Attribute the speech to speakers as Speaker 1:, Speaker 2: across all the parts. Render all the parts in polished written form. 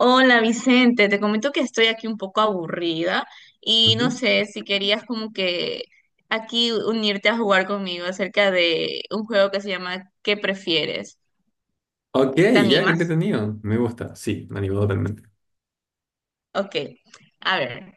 Speaker 1: Hola Vicente, te comento que estoy aquí un poco aburrida y no
Speaker 2: Ujú.
Speaker 1: sé si querías como que aquí unirte a jugar conmigo acerca de un juego que se llama ¿Qué prefieres?
Speaker 2: Ok,
Speaker 1: ¿Te
Speaker 2: ya, qué
Speaker 1: animas?
Speaker 2: entretenido. Me gusta, sí, me animó totalmente.
Speaker 1: Ok, a ver,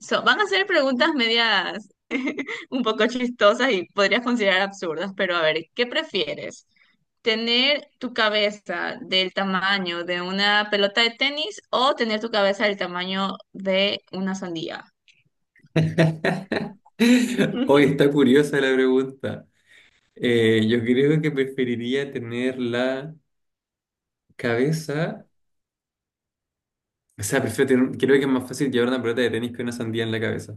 Speaker 1: so, van a ser preguntas medias un poco chistosas y podrías considerar absurdas, pero a ver, ¿qué prefieres? ¿Tener tu cabeza del tamaño de una pelota de tenis o tener tu cabeza del tamaño de una sandía?
Speaker 2: Hoy está curiosa la pregunta. Yo creo que preferiría tener la cabeza. O sea, prefiero tener- creo que es más fácil llevar una pelota de tenis que una sandía en la cabeza.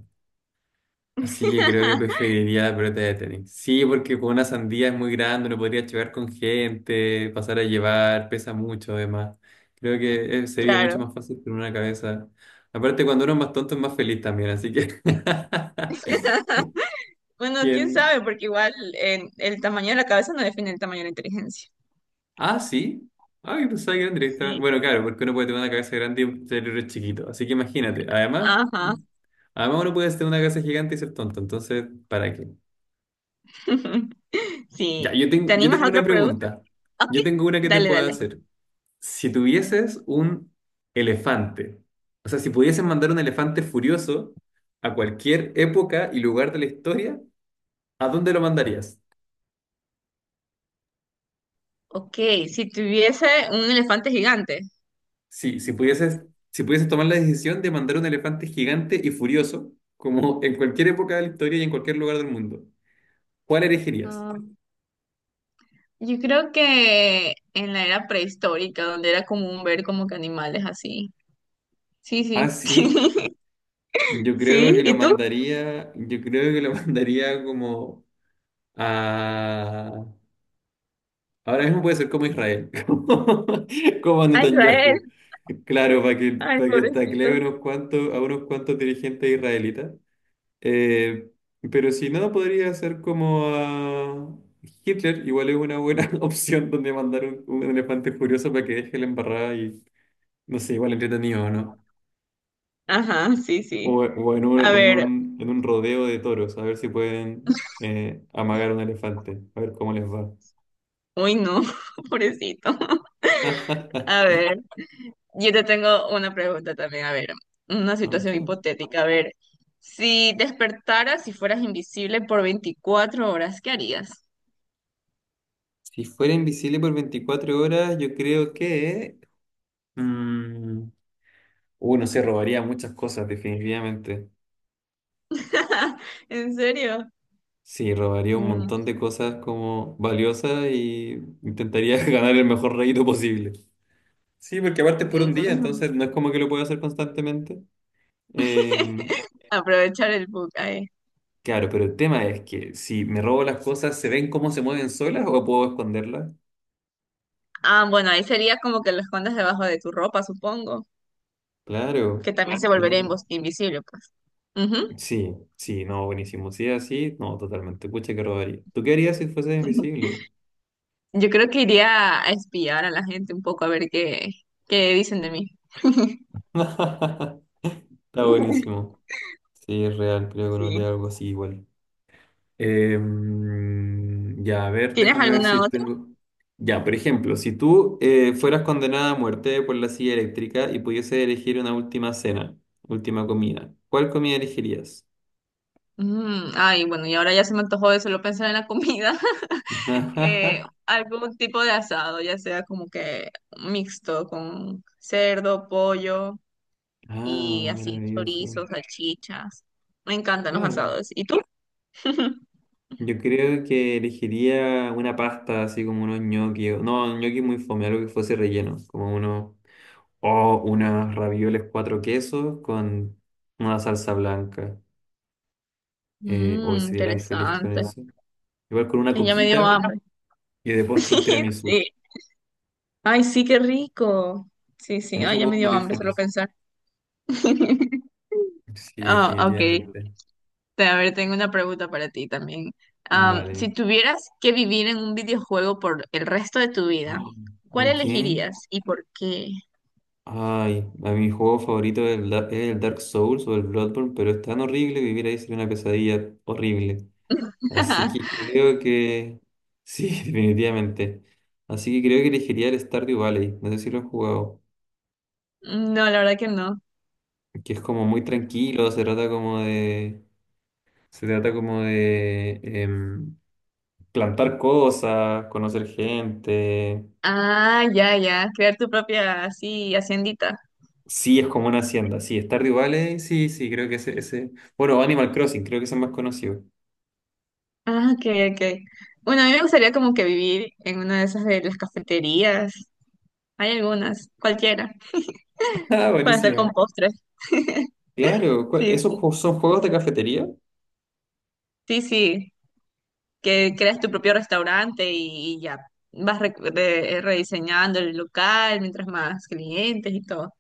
Speaker 2: Así que creo que preferiría la pelota de tenis. Sí, porque con una sandía es muy grande, no podría llevar con gente, pasar a llevar, pesa mucho además. Creo que sería mucho
Speaker 1: Claro.
Speaker 2: más fácil con una cabeza. Aparte, cuando uno es más tonto es más feliz también, así que...
Speaker 1: Bueno, quién
Speaker 2: ¿Quién?
Speaker 1: sabe, porque igual el tamaño de la cabeza no define el tamaño de la inteligencia.
Speaker 2: Ah, sí. Ah, yo pensaba que eran directamente.
Speaker 1: Sí.
Speaker 2: Bueno, claro, porque uno puede tener una cabeza grande y un cerebro chiquito. Así que imagínate. Además,
Speaker 1: Ajá.
Speaker 2: además uno puede tener una cabeza gigante y ser tonto. Entonces, ¿para qué? Ya,
Speaker 1: Sí. ¿Te
Speaker 2: yo
Speaker 1: animas a
Speaker 2: tengo
Speaker 1: otra
Speaker 2: una
Speaker 1: pregunta?
Speaker 2: pregunta.
Speaker 1: Ok.
Speaker 2: Yo tengo una que te
Speaker 1: Dale,
Speaker 2: puedo
Speaker 1: dale.
Speaker 2: hacer. Si tuvieses un elefante, o sea, si pudieses mandar un elefante furioso a cualquier época y lugar de la historia, ¿a dónde lo mandarías?
Speaker 1: Ok, si tuviese un elefante gigante.
Speaker 2: Sí, si pudieses tomar la decisión de mandar un elefante gigante y furioso, como en cualquier época de la historia y en cualquier lugar del mundo, ¿cuál elegirías?
Speaker 1: Ah, yo creo que en la era prehistórica, donde era común ver como que animales así. Sí,
Speaker 2: Ah,
Speaker 1: sí.
Speaker 2: sí,
Speaker 1: Sí, ¿y tú?
Speaker 2: yo creo que lo mandaría como a ahora mismo puede ser como Israel, como
Speaker 1: A Israel.
Speaker 2: Netanyahu. Claro,
Speaker 1: Ay,
Speaker 2: para que tacle
Speaker 1: pobrecitos.
Speaker 2: unos cuantos, a unos cuantos dirigentes israelitas. Eh, pero si no, podría ser como a Hitler, igual es una buena opción donde mandar un elefante furioso para que deje la embarrada y, no sé, igual entretenido, ¿no?
Speaker 1: Ajá, sí, sí.
Speaker 2: O,
Speaker 1: A ver,
Speaker 2: en un rodeo de toros, a ver si pueden amagar un elefante, a ver cómo les va.
Speaker 1: uy, no, pobrecito. A ver. Yo te tengo una pregunta también, a ver, una situación
Speaker 2: Ok.
Speaker 1: hipotética, a ver, si despertaras y fueras invisible por 24 horas, ¿qué harías?
Speaker 2: Si fuera invisible por 24 horas, yo creo que... mm, no sé, robaría muchas cosas, definitivamente.
Speaker 1: ¿En serio?
Speaker 2: Sí, robaría un
Speaker 1: Mm,
Speaker 2: montón de cosas como valiosas y intentaría ganar el mejor rédito posible. Sí, porque aparte es por un día,
Speaker 1: bueno,
Speaker 2: entonces no es como que lo pueda hacer constantemente. Eh,
Speaker 1: aprovechar el book ahí.
Speaker 2: claro, pero el tema es que si me robo las cosas, ¿se ven cómo se mueven solas o puedo esconderlas?
Speaker 1: Ah, bueno, ahí sería como que lo escondas debajo de tu ropa, supongo, que
Speaker 2: Claro,
Speaker 1: también se claro, volvería
Speaker 2: claro.
Speaker 1: invisible, pues. Ujú.
Speaker 2: Sí, sí, no, buenísimo. Si es así, no, totalmente. Pucha, que robaría. ¿Tú qué harías si fueses invisible?
Speaker 1: Yo creo que iría a espiar a la gente un poco a ver qué, qué dicen de mí.
Speaker 2: Está buenísimo. Sí, es real, creo que no
Speaker 1: Sí.
Speaker 2: haría algo así igual. Ya, a ver,
Speaker 1: ¿Tienes
Speaker 2: déjame ver
Speaker 1: alguna
Speaker 2: si
Speaker 1: otra?
Speaker 2: tengo. Ya, por ejemplo, si tú fueras condenada a muerte por la silla eléctrica y pudieses elegir una última cena, última comida, ¿cuál comida elegirías?
Speaker 1: Mm, ay, bueno, y ahora ya se me antojó de solo pensar en la comida. Algún tipo de asado, ya sea como que mixto con cerdo, pollo y
Speaker 2: Ah,
Speaker 1: así,
Speaker 2: maravilloso.
Speaker 1: chorizos, salchichas. Me encantan los
Speaker 2: Claro.
Speaker 1: asados. ¿Y tú?
Speaker 2: Yo creo que elegiría una pasta así como unos ñoquis. O- No, ñoquis muy fome, algo que fuese relleno. Como uno. O unas ravioles cuatro quesos con una salsa blanca. O
Speaker 1: Mm,
Speaker 2: sería tan feliz con
Speaker 1: interesante.
Speaker 2: eso. Igual con una
Speaker 1: Ay, ya me dio
Speaker 2: coquita
Speaker 1: hambre.
Speaker 2: y de postre un
Speaker 1: Sí,
Speaker 2: tiramisú.
Speaker 1: sí. Ay, sí, qué rico. Sí, sí,
Speaker 2: Con
Speaker 1: ay,
Speaker 2: eso
Speaker 1: ya me
Speaker 2: puedo
Speaker 1: dio
Speaker 2: morir
Speaker 1: hambre solo
Speaker 2: feliz.
Speaker 1: pensar.
Speaker 2: Sí,
Speaker 1: Ah, ok.
Speaker 2: definitivamente.
Speaker 1: A ver, tengo una pregunta para ti también. Am,
Speaker 2: Vale.
Speaker 1: si tuvieras que vivir en un videojuego por el resto de tu vida,
Speaker 2: Oh,
Speaker 1: ¿cuál
Speaker 2: ok.
Speaker 1: elegirías y por qué?
Speaker 2: Ay, a mi juego favorito es Da- es el Dark Souls o el Bloodborne, pero es tan horrible vivir ahí sería una pesadilla horrible. Así que creo que sí, definitivamente. Así que creo que elegiría el Stardew Valley. No sé si lo han jugado.
Speaker 1: No, la verdad que no.
Speaker 2: Que es como muy tranquilo, se trata como de. Se trata como de plantar cosas, conocer gente.
Speaker 1: Ah, ya, ya. Crear tu propia, así, haciendita.
Speaker 2: Sí, es como una hacienda. Sí, Stardew Valley, sí, sí, creo que ese, ese. Bueno, Animal Crossing, creo que es el más conocido.
Speaker 1: Ah, ok, ok. Bueno, a mí me gustaría como que vivir en una de esas de las cafeterías. Hay algunas, cualquiera,
Speaker 2: Ah,
Speaker 1: para estar con
Speaker 2: buenísimo.
Speaker 1: postres.
Speaker 2: Claro, ¿cuál-
Speaker 1: Sí,
Speaker 2: ¿esos ju- son juegos de cafetería?
Speaker 1: sí, sí, que creas tu propio restaurante y ya vas rediseñando el local mientras más clientes y todo.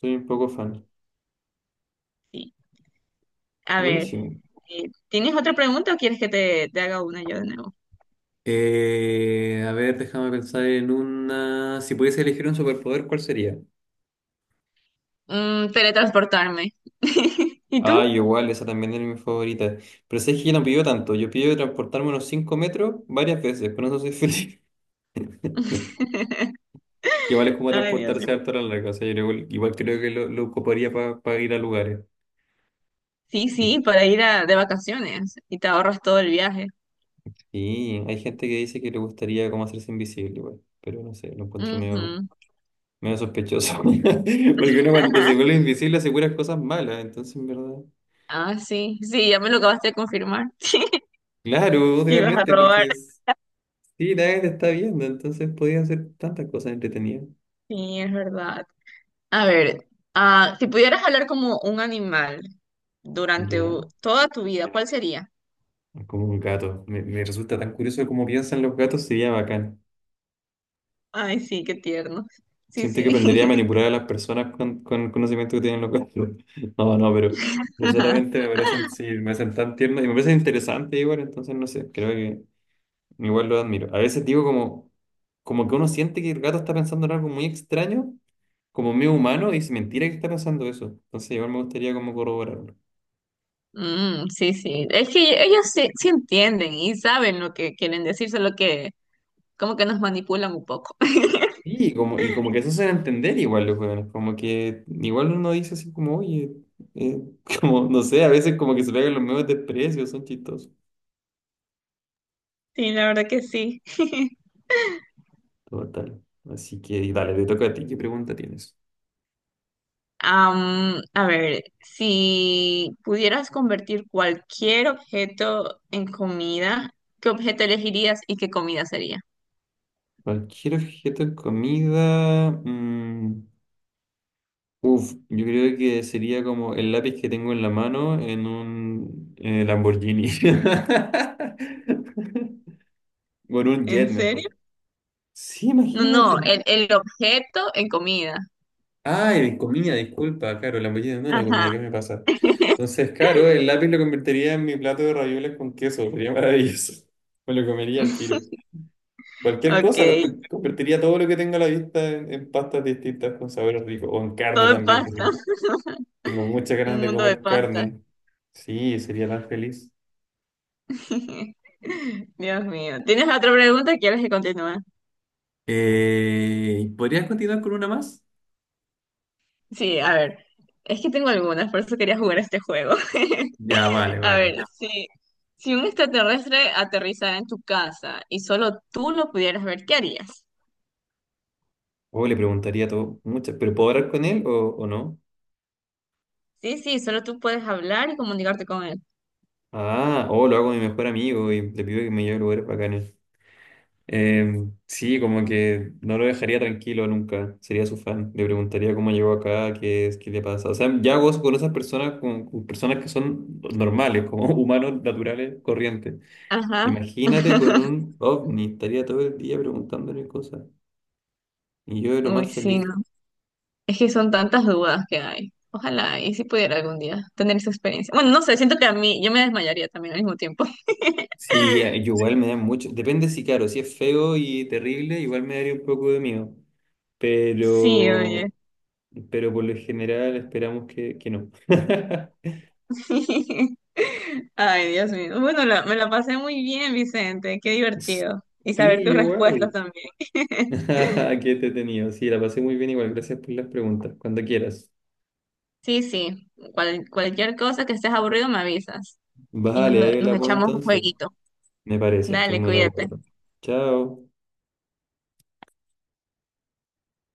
Speaker 2: Soy un poco fan.
Speaker 1: Sí. A ver,
Speaker 2: Buenísimo.
Speaker 1: ¿tienes otra pregunta o quieres que te haga una yo de nuevo?
Speaker 2: A ver, déjame pensar en una. Si pudiese elegir un superpoder, ¿cuál sería?
Speaker 1: Mm, teletransportarme. ¿Y
Speaker 2: Ah, yo
Speaker 1: tú?
Speaker 2: igual, esa también era mi favorita. Pero sé que yo no pido tanto. Yo pido transportarme unos 5 metros varias veces, con eso soy feliz. Que igual es como
Speaker 1: Ay, Dios mío.
Speaker 2: transportarse harto a la larga. O sea, yo igual, igual creo que lo ocuparía para ir a lugares.
Speaker 1: Sí, sí, para ir de vacaciones y te ahorras todo el viaje.
Speaker 2: Sí, hay gente que dice que le gustaría como hacerse invisible igual, pero no sé, lo encuentro medio,
Speaker 1: Ujú.
Speaker 2: medio sospechoso. Porque uno cuando se vuelve invisible asegura cosas malas, entonces en verdad.
Speaker 1: Ah, sí, sí, ya me lo acabaste de confirmar.
Speaker 2: Claro,
Speaker 1: Que ibas a
Speaker 2: totalmente,
Speaker 1: robar.
Speaker 2: porque es- sí, nadie te está viendo, entonces podía hacer tantas cosas entretenidas.
Speaker 1: Sí, es verdad. A ver, ah, si pudieras hablar como un animal durante
Speaker 2: Ya,
Speaker 1: toda tu vida, ¿cuál sería?
Speaker 2: como un gato. Me resulta tan curioso cómo piensan los gatos, sería bacán.
Speaker 1: Ay, sí, qué tierno. Sí,
Speaker 2: Siento que aprendería a
Speaker 1: sí.
Speaker 2: manipular a las personas con el conocimiento que tienen los gatos. No, no, pero no solamente me parecen, sí, me parecen tan tiernos y me parecen interesantes igual, entonces no sé, creo que igual lo admiro. A veces digo como, como que uno siente que el gato está pensando en algo muy extraño, como medio humano, y es mentira que está pensando eso. Entonces igual me gustaría como corroborarlo.
Speaker 1: Mm, sí, sí. Es que ellos sí, sí entienden y saben lo que quieren decir, solo que como que nos manipulan un poco.
Speaker 2: Sí, y como que se hacen entender igual los hueones, como que igual uno dice así como, oye, eh, como, no sé, a veces como que se pegan los mismos desprecios, son chistosos.
Speaker 1: Sí, la verdad que sí.
Speaker 2: Total. Así que y dale, te toca a ti, ¿qué pregunta tienes?
Speaker 1: Am, a ver, si pudieras convertir cualquier objeto en comida, ¿qué objeto elegirías y qué comida sería?
Speaker 2: Cualquier objeto de comida, uf, yo creo que sería como el lápiz que tengo en la mano en un Lamborghini. O en un
Speaker 1: ¿En
Speaker 2: jet
Speaker 1: serio?
Speaker 2: mejor. Sí,
Speaker 1: No,
Speaker 2: imagínate.
Speaker 1: no, el objeto en comida.
Speaker 2: Ah, de comida, disculpa, claro, la mollida no es una comida,
Speaker 1: Ajá.
Speaker 2: ¿qué me pasa? Entonces, claro, el lápiz lo convertiría en mi plato de ravioles con queso, sería maravilloso. Me lo comería al tiro. Cualquier
Speaker 1: Ok,
Speaker 2: cosa, lo t- convertiría todo lo que tengo a la vista en pastas distintas con sabores ricos, o en carne
Speaker 1: todo en
Speaker 2: también.
Speaker 1: pasta,
Speaker 2: Tengo, tengo muchas ganas
Speaker 1: un
Speaker 2: de
Speaker 1: mundo de
Speaker 2: comer
Speaker 1: pasta.
Speaker 2: carne. Sí, sería tan feliz.
Speaker 1: Dios mío. ¿Tienes otra pregunta o quieres que continúe?
Speaker 2: ¿Podrías continuar con una más?
Speaker 1: Sí, a ver, es que tengo algunas, por eso quería jugar este juego.
Speaker 2: Ya, vale,
Speaker 1: A
Speaker 2: vale.
Speaker 1: ver, si, si un extraterrestre aterrizara en tu casa y solo tú lo pudieras ver, ¿qué harías?
Speaker 2: O le preguntaría todo, muchas, ¿pero puedo hablar con él o no?
Speaker 1: Sí, sí, solo tú puedes hablar y comunicarte con él.
Speaker 2: Ah, o lo hago con mi mejor amigo y le pido que me lleve a lugares bacanes. Sí, como que no lo dejaría tranquilo nunca, sería su fan. Le preguntaría cómo llegó acá, qué es, qué le pasa. O sea, ya gozo con esas personas, con personas que son normales, como humanos naturales, corrientes.
Speaker 1: Ajá.
Speaker 2: Imagínate con un ovni, estaría todo el día preguntándole cosas. Y yo lo
Speaker 1: Uy,
Speaker 2: más
Speaker 1: sí,
Speaker 2: feliz.
Speaker 1: no. Es que son tantas dudas que hay. Ojalá, y si pudiera algún día tener esa experiencia. Bueno, no sé, siento que a mí, yo me desmayaría también al mismo tiempo.
Speaker 2: Sí, yo igual me da mucho. Depende si, claro, si es feo y terrible, igual me daría un poco de miedo.
Speaker 1: Sí, oye.
Speaker 2: Pero pero por lo general esperamos que no.
Speaker 1: Ay, Dios mío. Bueno, me la pasé muy bien, Vicente. Qué divertido. Y
Speaker 2: Sí,
Speaker 1: saber tus respuestas
Speaker 2: igual.
Speaker 1: también.
Speaker 2: Qué entretenido. Sí, la pasé muy bien igual. Gracias por las preguntas. Cuando quieras.
Speaker 1: Sí, sí. Cualquier cosa que estés aburrido, me avisas. Y nos,
Speaker 2: Vale, ahí
Speaker 1: nos
Speaker 2: la pongo
Speaker 1: echamos un
Speaker 2: entonces.
Speaker 1: jueguito.
Speaker 2: Me parece, estoy
Speaker 1: Dale,
Speaker 2: muy de
Speaker 1: cuídate.
Speaker 2: acuerdo. Chao.